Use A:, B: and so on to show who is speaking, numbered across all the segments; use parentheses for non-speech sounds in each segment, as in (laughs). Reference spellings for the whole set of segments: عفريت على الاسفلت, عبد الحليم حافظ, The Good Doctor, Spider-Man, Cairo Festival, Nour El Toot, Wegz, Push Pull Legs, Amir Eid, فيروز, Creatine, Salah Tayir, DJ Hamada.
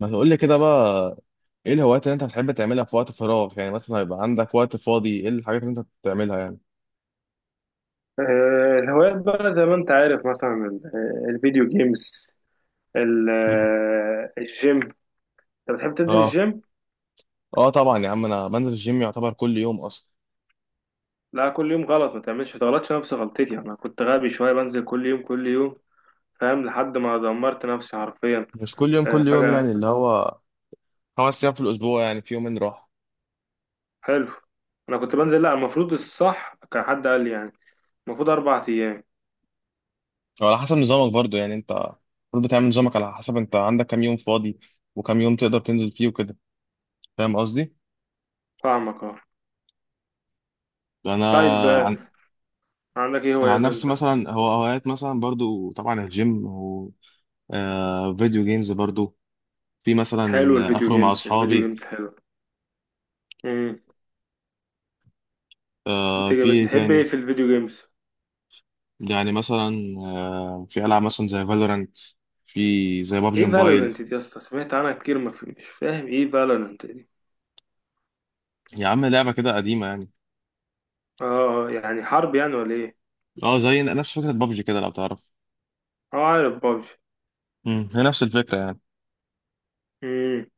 A: ما تقول لي كده بقى. ايه الهوايات اللي انت بتحب تعملها في وقت فراغ؟ يعني مثلا هيبقى عندك وقت فاضي، ايه الحاجات اللي انت بتعملها يعني؟
B: الهوايات بقى زي ما انت عارف مثلا الفيديو جيمز.
A: (laughs) مم.
B: الجيم. انت بتحب تنزل
A: اه،
B: الجيم؟
A: اه، طبعا يا عم انا بنزل الجيم، يعتبر كل يوم اصلا.
B: لا، كل يوم غلط، ما تعملش ما تغلطش نفس غلطتي. انا كنت غبي شويه، بنزل كل يوم كل يوم فاهم، لحد ما دمرت نفسي حرفيا.
A: مش كل يوم كل يوم
B: فجاه.
A: يعني اللي هو خمس ايام في الاسبوع، يعني في يومين راحه.
B: حلو. انا كنت بنزل، لا المفروض الصح كان حد قال لي يعني المفروض 4 ايام.
A: وعلى حسب نظامك برضو، يعني انت المفروض بتعمل نظامك على حسب انت عندك كام يوم فاضي، وكام يوم تقدر تنزل فيه وكده. فاهم قصدي؟
B: فاهمك اه.
A: انا
B: طيب،
A: عن
B: عندك ايه
A: أنا
B: هوايات
A: عن نفسي
B: انت؟
A: مثلا، هو هوايات مثلا برضو طبعا الجيم و فيديو جيمز برضو. في مثلا
B: حلو الفيديو
A: اخرج مع
B: جيمز الفيديو
A: اصحابي.
B: جيمز حلو. امم.
A: في ايه
B: بتحب ايه
A: تاني؟
B: في الفيديو جيمز؟
A: يعني مثلا في العاب مثلا زي فالورانت، في زي بابجي
B: ايه
A: موبايل.
B: فالورنت دي يا اسطى؟ سمعت عنها كتير ما في، مش فاهم ايه فالورنت دي.
A: يا عم لعبه كده قديمه يعني.
B: اه، يعني حرب يعني ولا ايه؟
A: اه زي نفس فكره بابجي كده لو تعرف.
B: اه عارف بابجي.
A: هي نفس الفكره يعني.
B: امم.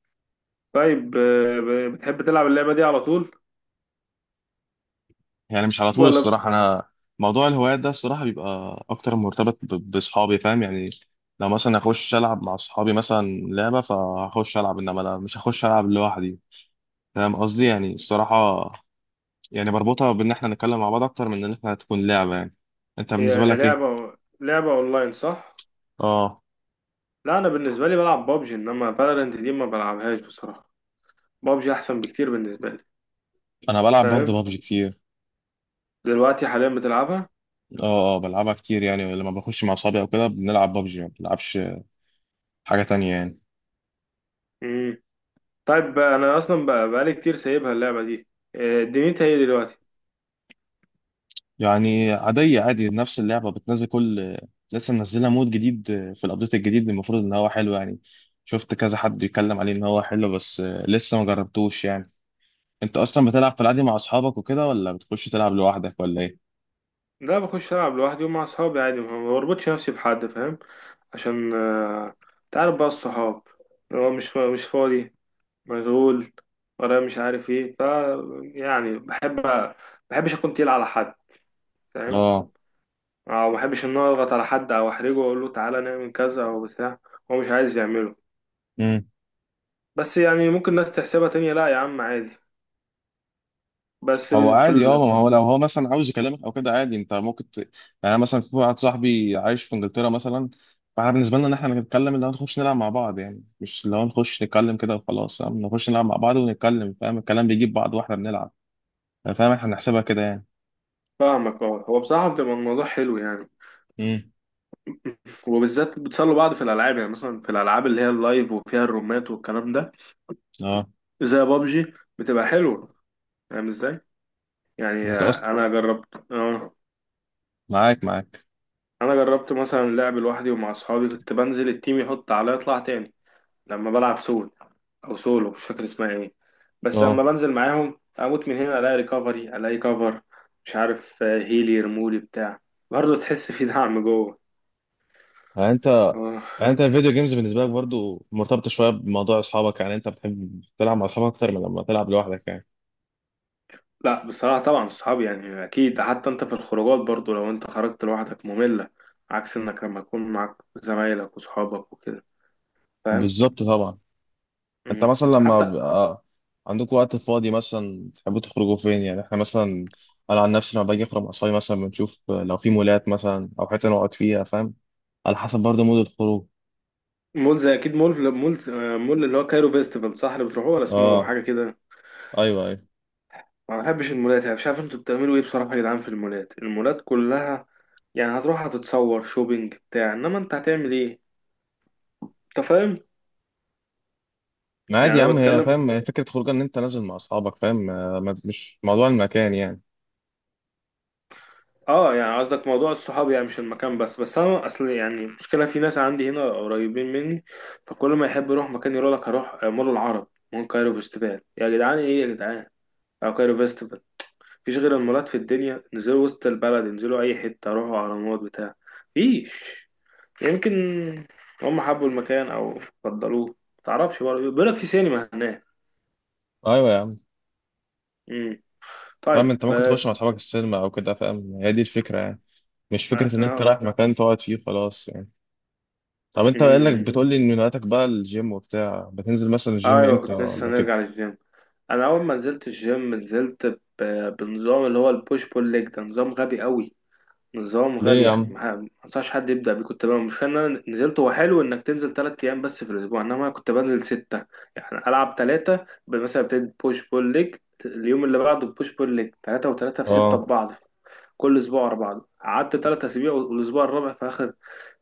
B: طيب، بتحب تلعب اللعبه دي على طول؟
A: يعني مش على طول
B: ولا
A: الصراحه، انا موضوع الهوايات ده الصراحه بيبقى اكتر مرتبط باصحابي فاهم يعني. لو مثلا اخش العب مع اصحابي مثلا لعبه، فهخش العب، انما انا مش هخش العب لوحدي. فاهم قصدي؟ يعني الصراحه يعني بربطها بان احنا نتكلم مع بعض اكتر من ان احنا تكون لعبه يعني. انت بالنسبه
B: هي
A: لك ايه؟
B: لعبه اونلاين صح؟
A: اه.
B: لا انا بالنسبه لي بلعب بابجي، انما فالورنت دي ما بلعبهاش بصراحه. بابجي احسن بكتير بالنسبه لي.
A: انا بلعب برضه
B: فاهم.
A: بابجي كتير.
B: دلوقتي حاليا بتلعبها؟
A: اه، اه، بلعبها كتير يعني، لما بخش مع اصحابي او كده بنلعب بابجي، ما بنلعبش حاجه تانية يعني.
B: امم. طيب انا اصلا بقى بقالي كتير سايبها اللعبه دي. دنيتها ايه دلوقتي؟
A: يعني عاديه، عادي نفس اللعبه بتنزل كل، لسه منزلها مود جديد، في الابديت الجديد المفروض ان هو حلو يعني. شفت كذا حد يتكلم عليه ان هو حلو، بس لسه ما جربتوش يعني. انت اصلا بتلعب في العادي مع اصحابك وكده، ولا بتخش تلعب لوحدك ولا ايه؟
B: لا بخش ألعب لوحدي ومع صحابي عادي، ما بربطش نفسي بحد، فاهم. عشان تعرف بقى الصحاب اللي هو مش فاضي، مشغول، ورايا مش عارف ايه، ف يعني بحب، بحبش اكون تقيل على حد، فاهم.
A: اه،
B: او بحبش ان أنا اضغط على حد او احرجه واقول له تعالى نعمل كذا او بتاع، هو مش عايز يعمله. بس يعني ممكن ناس تحسبها تانية، لا يا عم عادي. بس
A: هو
B: في
A: عادي، اه ما هو لو هو مثلا عاوز يكلمك او كده عادي، انت ممكن يعني. أنا مثلا في واحد صاحبي عايش في انجلترا مثلا، فاحنا بالنسبه لنا ان احنا نتكلم، اللي هو نخش نلعب مع بعض يعني، مش اللي هو نخش نتكلم كده وخلاص. فاهم؟ نخش نلعب مع بعض ونتكلم، فاهم الكلام بيجيب بعض واحنا بنلعب. فاهم احنا بنحسبها كده يعني.
B: فاهمك اه. هو بصراحة بتبقى الموضوع حلو يعني.
A: امم.
B: وبالذات بتسلوا بعض في الالعاب، يعني مثلا في الالعاب اللي هي اللايف وفيها الرومات والكلام ده
A: اه.
B: زي بابجي، بتبقى حلوه. فاهم ازاي؟ يعني
A: انت اصلا،
B: انا جربت اه.
A: معاك معاك.
B: انا جربت مثلا لعب لوحدي ومع اصحابي، كنت بنزل التيم يحط عليا اطلع تاني لما بلعب سول، او سولو مش فاكر اسمها ايه. بس
A: اه،
B: لما بنزل معاهم اموت من هنا الاقي ريكفري، الاقي كفر، مش عارف هيلي يرمولي بتاع. برضه تحس في دعم جوه.
A: يعني انت
B: اه.
A: يعني انت الفيديو جيمز بالنسبه لك برضو مرتبطه شويه بموضوع اصحابك، يعني انت بتحب تلعب مع اصحابك اكتر من لما تلعب لوحدك يعني.
B: لا بصراحة طبعا الصحاب يعني أكيد، حتى أنت في الخروجات برضو لو أنت خرجت لوحدك مملة، عكس إنك لما تكون معاك زمايلك وصحابك وكده. فاهم.
A: بالظبط طبعا. انت
B: مم.
A: مثلا لما
B: حتى
A: بيبقى عندكم وقت فاضي مثلا تحبوا تخرجوا فين يعني؟ احنا مثلا، انا عن نفسي لما باجي اخرج مع اصحابي مثلا بنشوف لو في مولات مثلا او حته نقعد فيها. فاهم؟ على حسب برضه مود الخروج.
B: مول، زي أكيد مول، مول اللي هو كايرو فيستيفال صح؟ اللي بتروحوه ولا اسمه
A: اه،
B: حاجة كده؟
A: ايوه، ايوه.
B: ما بحبش المولات يعني، مش عارف أنتوا بتعملوا إيه بصراحة يا جدعان في المولات. المولات كلها يعني هتروح هتتصور شوبينج بتاع، إنما أنت هتعمل إيه؟ أنت فاهم؟
A: ما عادي
B: يعني
A: يا
B: أنا
A: عم، هي
B: بتكلم.
A: فاهم، هي فكره خروج ان انت نازل مع اصحابك. فاهم؟ مش موضوع المكان يعني.
B: اه يعني قصدك موضوع الصحاب يعني مش المكان بس. بس انا اصل يعني المشكله في ناس عندي هنا قريبين مني، فكل ما يحب يروح مكان يقول لك هروح مول العرب، مول كايرو فيستيفال. يا جدعان ايه يا جدعان، او كايرو فيستيفال؟ مفيش غير المولات في الدنيا؟ انزلوا وسط البلد، انزلوا اي حته، روحوا اهرامات بتاع. مفيش. يمكن هم حبوا المكان او فضلوه، متعرفش. برضه بيقول لك في سينما هناك.
A: ايوه يا عم.
B: امم.
A: فاهم
B: طيب
A: انت ممكن تخش
B: بقى.
A: مع اصحابك السينما او كده، فاهم هي دي الفكره يعني، مش
B: اه.
A: فكره ان انت
B: آه.
A: رايح مكان تقعد فيه خلاص يعني. طب انت قايل لك
B: مم.
A: بتقول لي ان هواياتك بقى الجيم وبتاع، بتنزل مثلا الجيم
B: ايوه
A: امتى
B: كنت لسه
A: ولا كده؟
B: هنرجع للجيم. انا اول ما نزلت الجيم نزلت بنظام اللي هو البوش بول ليج. ده نظام غبي قوي. نظام
A: ليه
B: غبي،
A: يا
B: يعني
A: عم؟
B: ما انصحش حد يبدا بيه. كنت بقى، مش ان انا نزلت، هو حلو انك تنزل 3 ايام بس في الاسبوع انما كنت بنزل 6. يعني العب 3 مثلا ابتدي بوش بول ليج، اليوم اللي بعده بوش بول ليج، 3 و3 في 6
A: اه،
B: ببعض. كل اسبوع ورا بعض. قعدت 3 اسابيع، والاسبوع الرابع في اخر،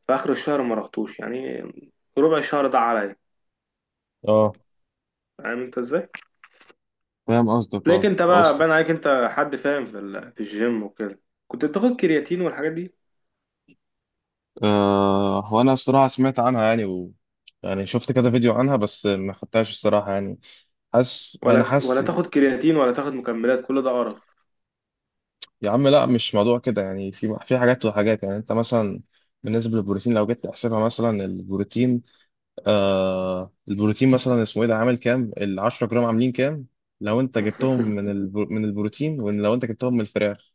B: في اخر الشهر ما رحتوش يعني. ربع الشهر ده عليا.
A: اه،
B: فاهم انت ازاي؟
A: فاهم قصدك.
B: لكن
A: اه
B: انت بقى
A: بص.
B: باين عليك انت حد فاهم في الجيم وكده. كنت بتاخد كرياتين والحاجات دي؟
A: هو انا الصراحه سمعت عنها يعني، يعني شفت كده فيديو عنها، بس ما خدتهاش الصراحه يعني. حاسس، انا
B: ولا
A: حاسس.
B: تاخد كرياتين، ولا تاخد مكملات، كل ده قرف.
A: يا عم لا مش موضوع كده يعني، في حاجات وحاجات يعني، انت مثلا بالنسبه للبروتين لو جيت تحسبها مثلا، البروتين، البروتين مثلا اسمه ايه ده، عامل كام، ال 10 جرام عاملين كام؟ لو انت جبتهم من
B: (laughs)
A: من البروتين، ولو انت جبتهم من الفراخ،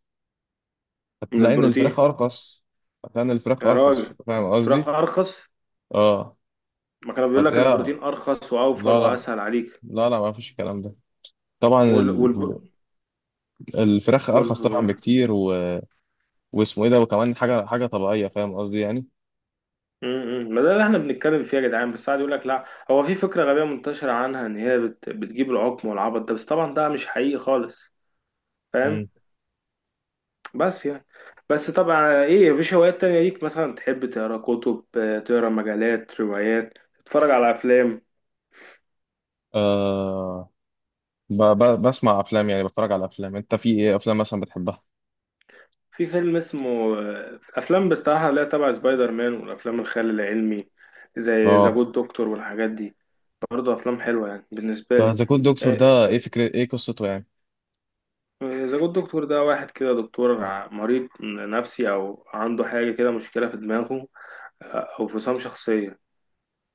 B: من
A: هتلاقي ان الفراخ
B: البروتين.
A: ارخص. هتلاقي ان الفراخ
B: يا
A: ارخص،
B: راجل،
A: فاهم
B: فراخ
A: قصدي؟
B: ارخص؟
A: اه،
B: ما كانوا بيقول لك
A: هتلاقيها.
B: البروتين ارخص واوفر
A: لا، لا،
B: واسهل عليك.
A: لا، لا، ما فيش الكلام ده. طبعا
B: وال والب...
A: الفراخ
B: وال
A: ارخص طبعا بكتير، واسمه ايه ده، وكمان حاجه حاجه طبيعيه، فاهم قصدي يعني.
B: م- م. ما ده اللي احنا بنتكلم فيه يا جدعان بس قاعد يقول لك لا. هو في فكره غبيه منتشره عنها ان هي بتجيب العقم والعبط ده، بس طبعا ده مش حقيقي خالص. فاهم.
A: مم.
B: بس يعني، بس طبعا ايه مفيش هوايات تانية ليك؟ مثلا تحب تقرا كتب، تقرا مجلات، روايات، تتفرج على افلام؟
A: آه بسمع افلام يعني، بتفرج على افلام. انت في ايه افلام مثلا بتحبها؟
B: في فيلم اسمه، افلام بصراحة لا تبع سبايدر مان والافلام الخيال العلمي زي ذا
A: اه،
B: جود دكتور والحاجات دي. برضه افلام حلوة يعني بالنسبة
A: ده
B: لي.
A: ذا جود دكتور ده
B: آه،
A: ايه قصته يعني؟
B: ذا جود دكتور ده واحد كده دكتور مريض نفسي او عنده حاجة كده، مشكلة في دماغه، او فصام شخصية.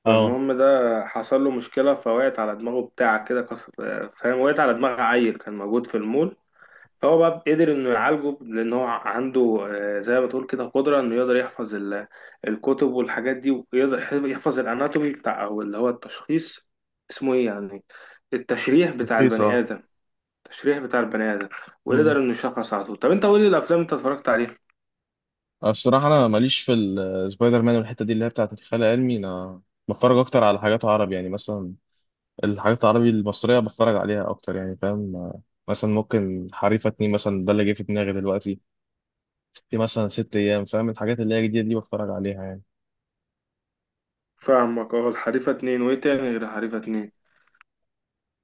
A: اه
B: فالمهم ده حصل له مشكلة، فوقعت على دماغه بتاع كده كسر. فاهم، وقعت على دماغ عيل كان موجود في المول، فهو بقى قدر انه يعالجه لان هو عنده زي ما تقول كده قدرة انه يقدر يحفظ الكتب والحاجات دي، ويقدر يحفظ الاناتومي بتاع او اللي هو التشخيص، اسمه ايه يعني، التشريح بتاع
A: رخيص
B: البني
A: اه.
B: ادم التشريح بتاع البني ادم.
A: مم.
B: ويقدر انه يشخص على طول. طب انت قول لي الافلام انت اتفرجت عليها.
A: أنا الصراحة، أنا ماليش في السبايدر مان والحتة دي اللي هي بتاعت الخيال العلمي. أنا بتفرج أكتر على حاجات عربي يعني، مثلا الحاجات العربي المصرية بتفرج عليها أكتر يعني. فاهم؟ مثلا ممكن حريفة اتنين مثلا، ده اللي جه في دماغي دلوقتي، في مثلا ست أيام، فاهم الحاجات اللي هي جديدة دي بتفرج عليها يعني.
B: فاهمك اه. الحريفة 2 وايه تاني غير الحريفة 2؟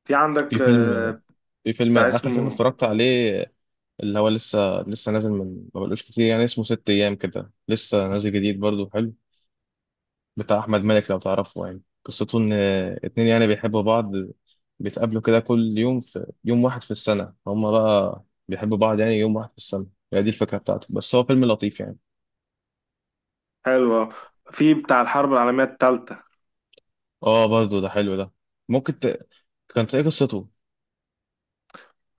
B: في
A: في
B: عندك
A: فيلم في فيلم
B: بتاع
A: آخر فيلم
B: اسمه؟
A: اتفرجت عليه، اللي هو لسه لسه نازل من ما بقالوش كتير يعني، اسمه ست أيام كده، لسه نازل جديد برضه حلو. بتاع أحمد مالك لو تعرفه، يعني قصته إن اتنين يعني بيحبوا بعض، بيتقابلوا كده كل يوم في يوم واحد في السنة. هما بقى بيحبوا بعض، يعني يوم واحد في السنة، هي دي الفكرة بتاعته، بس هو فيلم لطيف يعني.
B: حلوة. في بتاع الحرب العالمية التالتة.
A: اه برضو ده حلو ده. ممكن كان تلاقي قصته.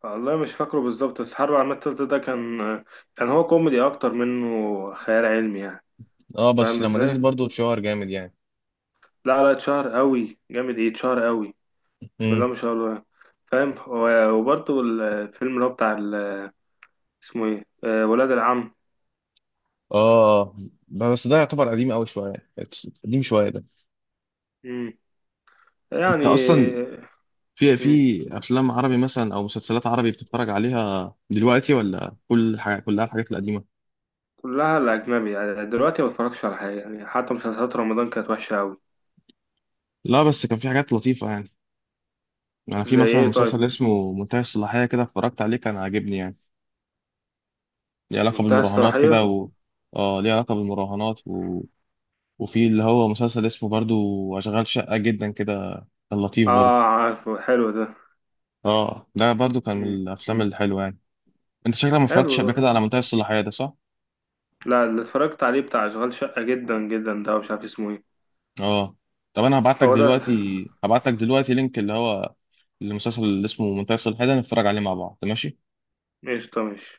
B: والله مش فاكره بالظبط، بس الحرب العالمية التالتة ده كان، كان هو كوميدي أكتر منه خيال علمي يعني.
A: اه بس
B: فاهم
A: لما
B: ازاي؟
A: نزل برضو اتشهر جامد يعني.
B: لا اتشهر قوي جامد ايه، اتشهر قوي. بسم الله
A: امم.
B: ما شاء الله. فاهم. وبرضه الفيلم اللي هو بتاع اسمه ايه؟ ولاد العم.
A: اه، آه. بس ده يعتبر قديم قوي شويه، قديم شويه ده.
B: مم. يعني.
A: انت اصلا في
B: مم.
A: في افلام عربي مثلا او مسلسلات عربي بتتفرج عليها دلوقتي، ولا كل حاجه كلها الحاجات القديمه؟
B: كلها الأجنبي يعني، دلوقتي ما بتفرجش على حاجة يعني، حتى مسلسلات رمضان كانت وحشة قوي.
A: لا بس كان في حاجات لطيفه يعني، انا في
B: زي
A: مثلا
B: ايه طيب؟
A: مسلسل اسمه منتهي الصلاحيه كده، اتفرجت عليه كان عاجبني يعني. ليه علاقه
B: منتهى
A: بالمراهنات كده،
B: الصلاحية؟
A: اه ليه علاقه بالمراهنات. وفي اللي هو مسلسل اسمه برضو أشغال شقة جدا كده، كان لطيف برضو.
B: اه عارفه حلو
A: اه ده برضو كان من
B: ده.
A: الأفلام الحلوة يعني. أنت شكلك ما
B: حلو
A: اتفرجتش قبل
B: ده.
A: كده على منتهي الصلاحية ده صح؟
B: لا، اللي اتفرجت عليه بتاع اشغال شقة جدا جدا ده مش عارف اسمه ايه.
A: اه. طب أنا هبعت لك
B: هو ده
A: دلوقتي هبعت لك دلوقتي لينك، اللي هو المسلسل اللي اسمه منتهي الصلاحية ده، نتفرج عليه مع بعض ماشي؟
B: ايش ده؟ ماشي.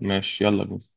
A: ماشي يلا بينا.